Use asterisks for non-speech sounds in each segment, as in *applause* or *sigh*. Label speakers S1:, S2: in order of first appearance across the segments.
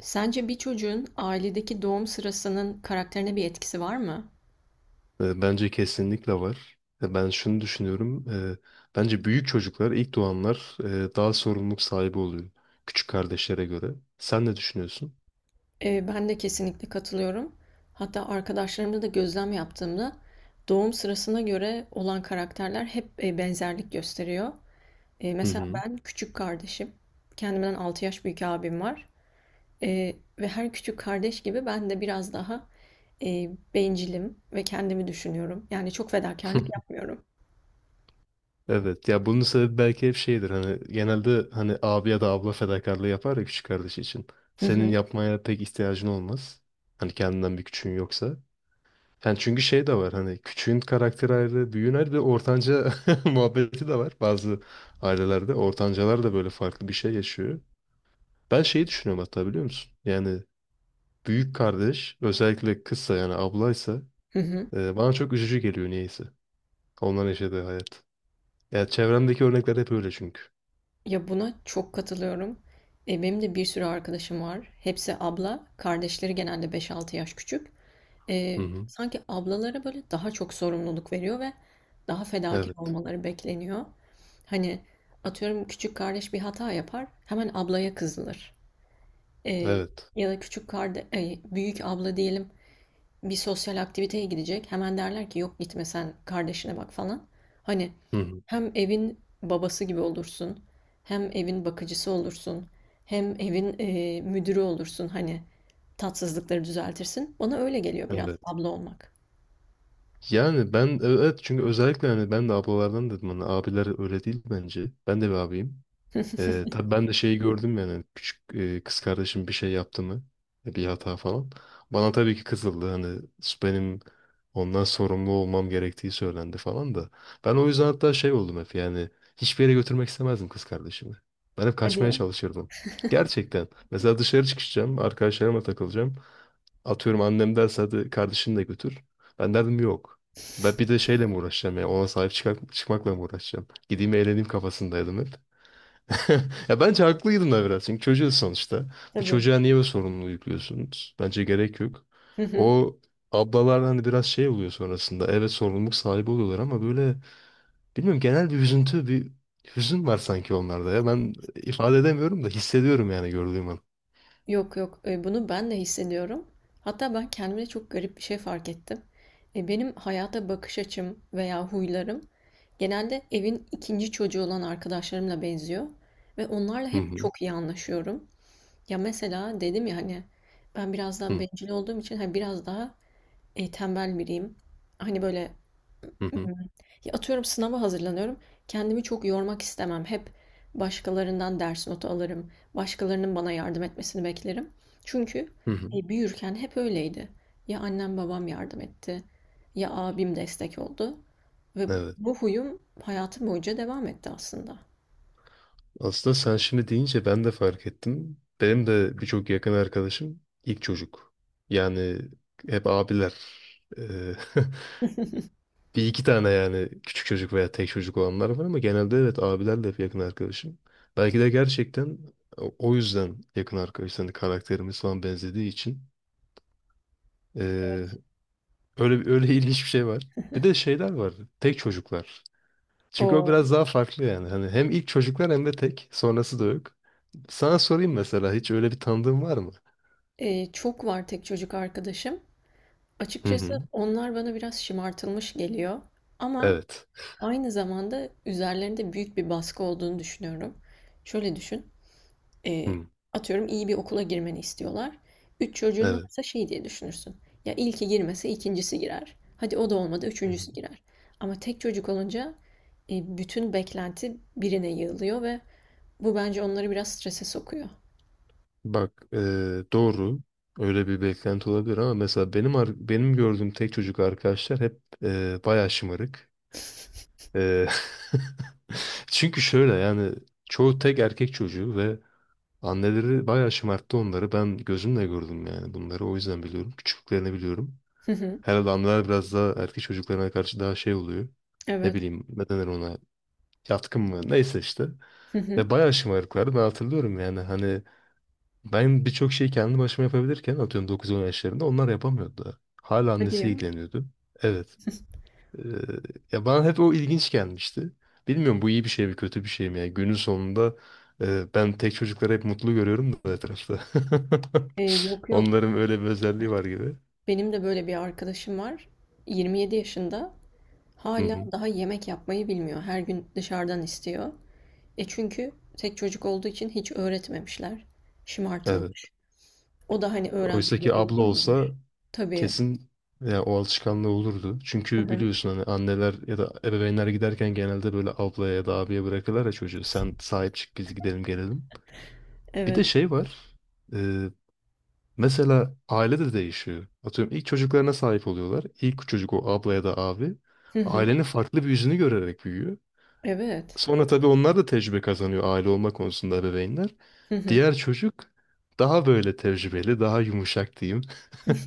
S1: Sence bir çocuğun ailedeki doğum sırasının karakterine bir etkisi var mı?
S2: Bence kesinlikle var. Ben şunu düşünüyorum. Bence büyük çocuklar, ilk doğanlar daha sorumluluk sahibi oluyor. Küçük kardeşlere göre. Sen ne düşünüyorsun?
S1: Ben de kesinlikle katılıyorum. Hatta arkadaşlarımda da gözlem yaptığımda doğum sırasına göre olan karakterler hep benzerlik gösteriyor.
S2: Hı
S1: Mesela
S2: hı.
S1: ben küçük kardeşim, kendimden 6 yaş büyük abim var. Ve her küçük kardeş gibi ben de biraz daha bencilim ve kendimi düşünüyorum. Yani çok fedakarlık
S2: *laughs*
S1: yapmıyorum.
S2: Evet. Ya bunun sebebi belki hep şeydir. Hani genelde hani abi ya da abla fedakarlığı yapar ya küçük kardeş için.
S1: Hı
S2: Senin
S1: hı.
S2: yapmaya pek ihtiyacın olmaz. Hani kendinden bir küçüğün yoksa. Yani çünkü şey de var hani küçüğün karakteri ayrı, büyüğün ayrı ve ortanca *laughs* muhabbeti de var. Bazı ailelerde ortancalar da böyle farklı bir şey yaşıyor. Ben şeyi düşünüyorum hatta biliyor musun? Yani büyük kardeş özellikle kızsa yani ablaysa
S1: Hı hı.
S2: bana çok üzücü geliyor niyeyse. Onların yaşadığı hayat. Ya çevremdeki örnekler hep öyle çünkü.
S1: Ya buna çok katılıyorum. Benim de bir sürü arkadaşım var. Hepsi abla. Kardeşleri genelde 5-6 yaş küçük.
S2: Hı hı.
S1: Sanki ablalara böyle daha çok sorumluluk veriyor ve daha fedakar
S2: Evet.
S1: olmaları bekleniyor. Hani atıyorum küçük kardeş bir hata yapar, hemen ablaya kızılır. E,
S2: Evet.
S1: ya da küçük kardeş, büyük abla diyelim bir sosyal aktiviteye gidecek. Hemen derler ki yok gitme sen kardeşine bak falan. Hani
S2: Hı hı.
S1: hem evin babası gibi olursun, hem evin bakıcısı olursun, hem evin müdürü olursun. Hani tatsızlıkları düzeltirsin. Bana öyle geliyor biraz
S2: Evet.
S1: abla olmak.
S2: Yani ben evet çünkü özellikle hani ben de ablalardan dedim hani abiler öyle değil bence. Ben de bir abiyim. Tabii ben de şeyi gördüm yani küçük kız kardeşim bir şey yaptı mı bir hata falan. Bana tabii ki kızıldı hani benim ondan sorumlu olmam gerektiği söylendi falan da. Ben o yüzden hatta şey oldum hep yani hiçbir yere götürmek istemezdim kız kardeşimi. Ben hep
S1: Hadi
S2: kaçmaya
S1: ya.
S2: çalışırdım. Gerçekten. Mesela dışarı çıkacağım, arkadaşlarıma takılacağım. Atıyorum annem derse hadi kardeşini de götür. Ben derdim yok. Ben bir de şeyle mi uğraşacağım ya ona sahip çıkmakla mı uğraşacağım? Gideyim eğleneyim kafasındaydım hep. *laughs* Ya bence haklıydın da biraz. Çünkü çocuğuz sonuçta. Bir
S1: Tabii.
S2: çocuğa niye bu sorumluluğu yüklüyorsunuz? Bence gerek yok.
S1: Hı hı.
S2: O ablalar hani biraz şey oluyor sonrasında. Evet sorumluluk sahibi oluyorlar ama böyle bilmiyorum genel bir üzüntü, bir hüzün var sanki onlarda ya. Ben ifade edemiyorum da hissediyorum yani gördüğüm an.
S1: Yok yok, bunu ben de hissediyorum. Hatta ben kendime çok garip bir şey fark ettim. Benim hayata bakış açım veya huylarım genelde evin ikinci çocuğu olan arkadaşlarımla benziyor. Ve onlarla
S2: Hı
S1: hep
S2: hı.
S1: çok iyi anlaşıyorum. Ya mesela dedim ya hani ben biraz daha
S2: Hı
S1: bencil olduğum için hani biraz daha tembel biriyim. Hani böyle
S2: hı.
S1: atıyorum sınava hazırlanıyorum. Kendimi çok yormak istemem. Hep başkalarından ders notu alırım. Başkalarının bana yardım etmesini beklerim. Çünkü
S2: Hı hı. Hı.
S1: büyürken hep öyleydi. Ya annem babam yardım etti, ya abim destek oldu. Ve
S2: Evet.
S1: bu huyum hayatım boyunca devam etti aslında.
S2: Aslında sen şimdi deyince ben de fark ettim. Benim de birçok yakın arkadaşım ilk çocuk. Yani hep abiler. Ee, *laughs* Bir iki tane yani küçük çocuk veya tek çocuk olanlar var ama genelde evet abilerle hep yakın arkadaşım. Belki de gerçekten o yüzden yakın arkadaş. Hani karakterimiz falan benzediği için. Ee, öyle öyle *laughs* ilginç bir şey var. Bir de şeyler var. Tek çocuklar. Çünkü o
S1: Oo.
S2: biraz daha farklı yani. Hani hem ilk çocuklar hem de tek. Sonrası da yok. Sana sorayım mesela hiç öyle bir tanıdığın var mı?
S1: Çok var tek çocuk arkadaşım.
S2: Hı
S1: Açıkçası
S2: hı.
S1: onlar bana biraz şımartılmış geliyor. Ama
S2: Evet.
S1: aynı zamanda üzerlerinde büyük bir baskı olduğunu düşünüyorum. Şöyle düşün. E,
S2: Hı.
S1: atıyorum iyi bir okula girmeni istiyorlar. Üç çocuğun
S2: Evet.
S1: varsa şey diye düşünürsün. Ya ilki girmese ikincisi girer. Hadi o da olmadı üçüncüsü girer. Ama tek çocuk olunca bütün beklenti birine yığılıyor ve bu bence onları biraz strese sokuyor.
S2: Bak doğru öyle bir beklenti olabilir ama mesela benim benim gördüğüm tek çocuk arkadaşlar hep bayağı şımarık. Eee, *laughs* çünkü şöyle yani çoğu tek erkek çocuğu ve anneleri bayağı şımarttı onları. Ben gözümle gördüm yani bunları o yüzden biliyorum. Küçüklüklerini biliyorum.
S1: Hı hı.
S2: Herhalde anneler biraz daha erkek çocuklarına karşı daha şey oluyor. Ne
S1: Evet.
S2: bileyim ne denir ona yatkın mı neyse işte.
S1: Hı hı.
S2: Ve bayağı şımarıklardı ben hatırlıyorum yani hani ben birçok şeyi kendi başıma yapabilirken atıyorum 9-10 yaşlarında onlar yapamıyordu daha. Hala
S1: Hadi
S2: annesi
S1: ya.
S2: ilgileniyordu. Evet.
S1: *laughs*
S2: Ee, ya bana hep o ilginç gelmişti. Bilmiyorum bu iyi bir şey mi kötü bir şey mi? Yani günün sonunda ben tek çocukları hep mutlu görüyorum da etrafta.
S1: Yok
S2: *laughs*
S1: yok.
S2: Onların öyle bir özelliği var gibi.
S1: Benim de böyle bir arkadaşım var. 27 yaşında.
S2: Hı
S1: Hala
S2: hı.
S1: daha yemek yapmayı bilmiyor. Her gün dışarıdan istiyor. Çünkü tek çocuk olduğu için hiç öğretmemişler.
S2: Evet.
S1: Şımartılmış. O da hani öğrenme
S2: Oysa ki
S1: gereği
S2: abla olsa
S1: duymamış. Tabii.
S2: kesin ya o alışkanlığı olurdu.
S1: Hı
S2: Çünkü
S1: hı.
S2: biliyorsun hani anneler ya da ebeveynler giderken genelde böyle ablaya ya da abiye bırakırlar ya çocuğu. Sen sahip çık biz gidelim gelelim. Bir de
S1: Evet.
S2: şey var. e, mesela aile de değişiyor. Atıyorum ilk çocuklarına sahip oluyorlar. İlk çocuk o abla ya da abi
S1: Hı hı.
S2: ailenin farklı bir yüzünü görerek büyüyor.
S1: Evet.
S2: Sonra tabii onlar da tecrübe kazanıyor aile olma konusunda ebeveynler.
S1: Hı hı.
S2: Diğer çocuk daha böyle tecrübeli, daha yumuşak diyeyim.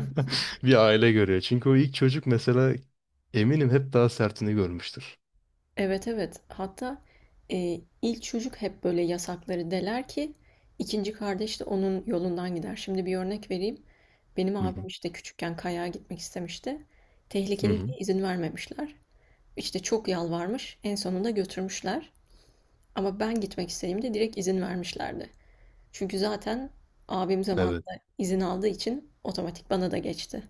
S2: *laughs* Bir aile görüyor. Çünkü o ilk çocuk mesela eminim hep daha sertini görmüştür.
S1: Evet evet. Hatta ilk çocuk hep böyle yasakları deler ki ikinci kardeş de onun yolundan gider. Şimdi bir örnek vereyim. Benim
S2: Hı
S1: abim
S2: hı.
S1: işte küçükken kayağa gitmek istemişti.
S2: Hı
S1: Tehlikeli
S2: hı.
S1: diye izin vermemişler. İşte çok yalvarmış. En sonunda götürmüşler. Ama ben gitmek istediğimde direkt izin vermişlerdi. Çünkü zaten abim
S2: Evet.
S1: zamanında izin aldığı için otomatik bana da geçti.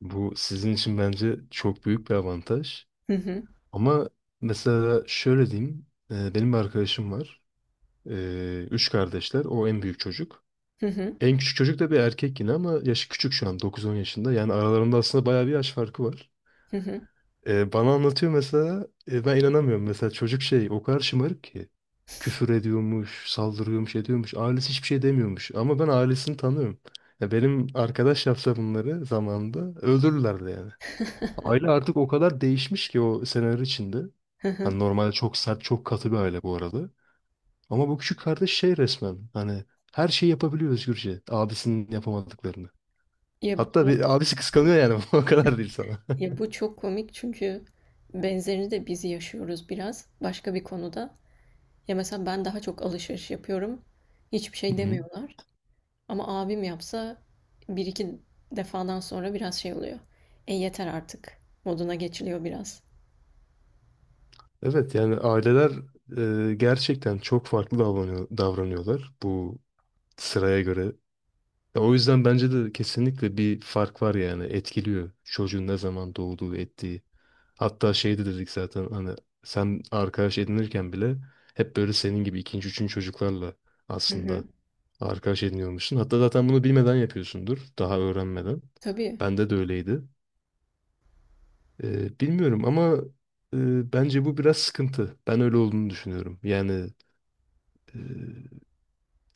S2: Bu sizin için bence çok büyük bir avantaj.
S1: Hı hı,
S2: Ama mesela şöyle diyeyim. Benim bir arkadaşım var. Üç kardeşler. O en büyük çocuk.
S1: hı hı,
S2: En küçük çocuk da bir erkek yine ama yaşı küçük şu an 9-10 yaşında. Yani aralarında aslında bayağı bir yaş farkı var.
S1: hı hı.
S2: Bana anlatıyor mesela ben inanamıyorum. Mesela çocuk şey o kadar şımarık ki küfür ediyormuş, saldırıyormuş, ediyormuş. Ailesi hiçbir şey demiyormuş ama ben ailesini tanıyorum. Ya benim arkadaş yapsa bunları zamanında öldürürlerdi yani.
S1: *laughs*
S2: Aile artık o kadar değişmiş ki o seneler içinde.
S1: Hı hı.
S2: Hani normalde çok sert, çok katı bir aile bu arada. Ama bu küçük kardeş şey resmen hani her şeyi yapabiliyor özgürce. Abisinin yapamadıklarını.
S1: Ya,
S2: Hatta bir, abisi kıskanıyor yani *laughs* o kadar değil sana.
S1: bu çok komik çünkü benzerini de biz yaşıyoruz biraz başka bir konuda. Ya mesela ben daha çok alışveriş yapıyorum. Hiçbir şey
S2: *laughs*
S1: demiyorlar. Ama abim yapsa bir iki defadan sonra biraz şey oluyor. Yeter artık moduna geçiliyor biraz.
S2: Evet yani aileler gerçekten çok farklı davranıyorlar bu sıraya göre. Ya o yüzden bence de kesinlikle bir fark var yani etkiliyor çocuğun ne zaman doğduğu ettiği. Hatta şey de dedik zaten hani sen arkadaş edinirken bile hep böyle senin gibi ikinci üçüncü çocuklarla
S1: Hı hı.
S2: aslında arkadaş ediniyormuşsun. Hatta zaten bunu bilmeden yapıyorsundur daha öğrenmeden.
S1: Tabii.
S2: Bende de öyleydi. Bilmiyorum ama bence bu biraz sıkıntı. Ben öyle olduğunu düşünüyorum. Yani Ee,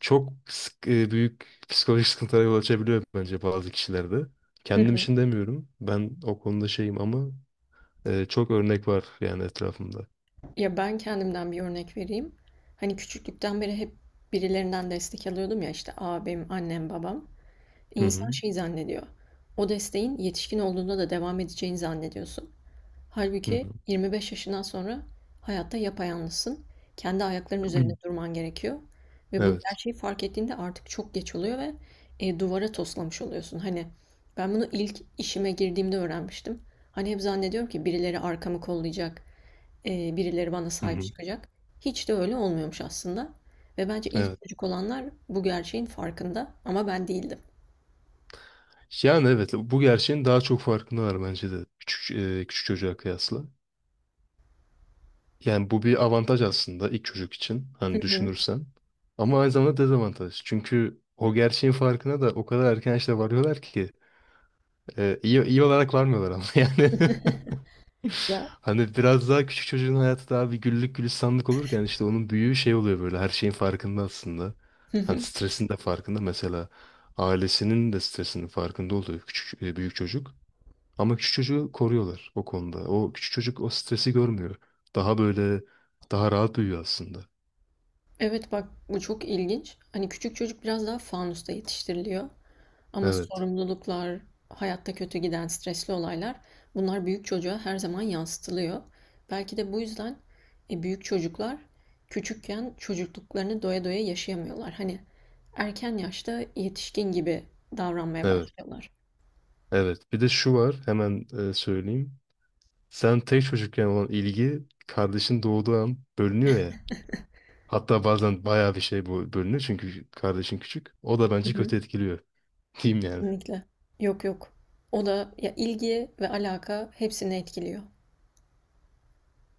S2: büyük psikolojik sıkıntılara yol açabiliyor bence bazı kişilerde. Kendim için
S1: *laughs*
S2: demiyorum. Ben o konuda şeyim ama çok örnek var yani etrafımda.
S1: Ya ben kendimden bir örnek vereyim. Hani küçüklükten beri hep birilerinden destek alıyordum ya işte abim, annem, babam.
S2: Hı hı.
S1: İnsan şey zannediyor. O desteğin yetişkin olduğunda da devam edeceğini zannediyorsun.
S2: Hı
S1: Halbuki
S2: hı.
S1: 25 yaşından sonra hayatta yapayalnızsın. Kendi ayaklarının üzerinde
S2: *clears throat*
S1: durman gerekiyor. Ve bu
S2: Evet.
S1: gerçeği fark ettiğinde artık çok geç oluyor ve duvara toslamış oluyorsun. Hani ben bunu ilk işime girdiğimde öğrenmiştim. Hani hep zannediyorum ki birileri arkamı kollayacak, birileri bana
S2: Hı
S1: sahip
S2: hı.
S1: çıkacak. Hiç de öyle olmuyormuş aslında ve bence
S2: Evet.
S1: ilk çocuk olanlar bu gerçeğin farkında ama ben değildim.
S2: Yani evet bu gerçeğin daha çok farkındalar bence de küçük çocuğa kıyasla. Yani bu bir avantaj aslında ilk çocuk için
S1: Hı
S2: hani
S1: hı.
S2: düşünürsen. Ama aynı zamanda dezavantaj. Çünkü o gerçeğin farkına da o kadar erken işte varıyorlar ki iyi olarak varmıyorlar ama *laughs* yani.
S1: *laughs* Ya.
S2: Hani biraz daha küçük çocuğun hayatı daha bir güllük gülistanlık olurken işte onun büyüğü şey oluyor böyle her şeyin farkında aslında.
S1: Hı
S2: Hani
S1: hı.
S2: stresin de farkında mesela ailesinin de stresinin farkında oluyor büyük çocuk. Ama küçük çocuğu koruyorlar o konuda. O küçük çocuk o stresi görmüyor. Daha böyle daha rahat büyüyor aslında.
S1: Evet bak bu çok ilginç. Hani küçük çocuk biraz daha fanusta yetiştiriliyor. Ama
S2: Evet.
S1: sorumluluklar, hayatta kötü giden stresli olaylar bunlar büyük çocuğa her zaman yansıtılıyor. Belki de bu yüzden büyük çocuklar küçükken çocukluklarını doya doya yaşayamıyorlar. Hani erken yaşta yetişkin gibi davranmaya
S2: Evet.
S1: başlıyorlar.
S2: Evet. Bir de şu var. Hemen söyleyeyim. Sen tek çocukken olan ilgi kardeşin doğduğu an bölünüyor ya. Hatta bazen bayağı bir şey bu bölünüyor çünkü kardeşin küçük. O da
S1: Hı
S2: bence
S1: hı.
S2: kötü etkiliyor. *laughs* Diyeyim yani.
S1: Kesinlikle. Yok yok. O da ya ilgi ve alaka hepsini etkiliyor.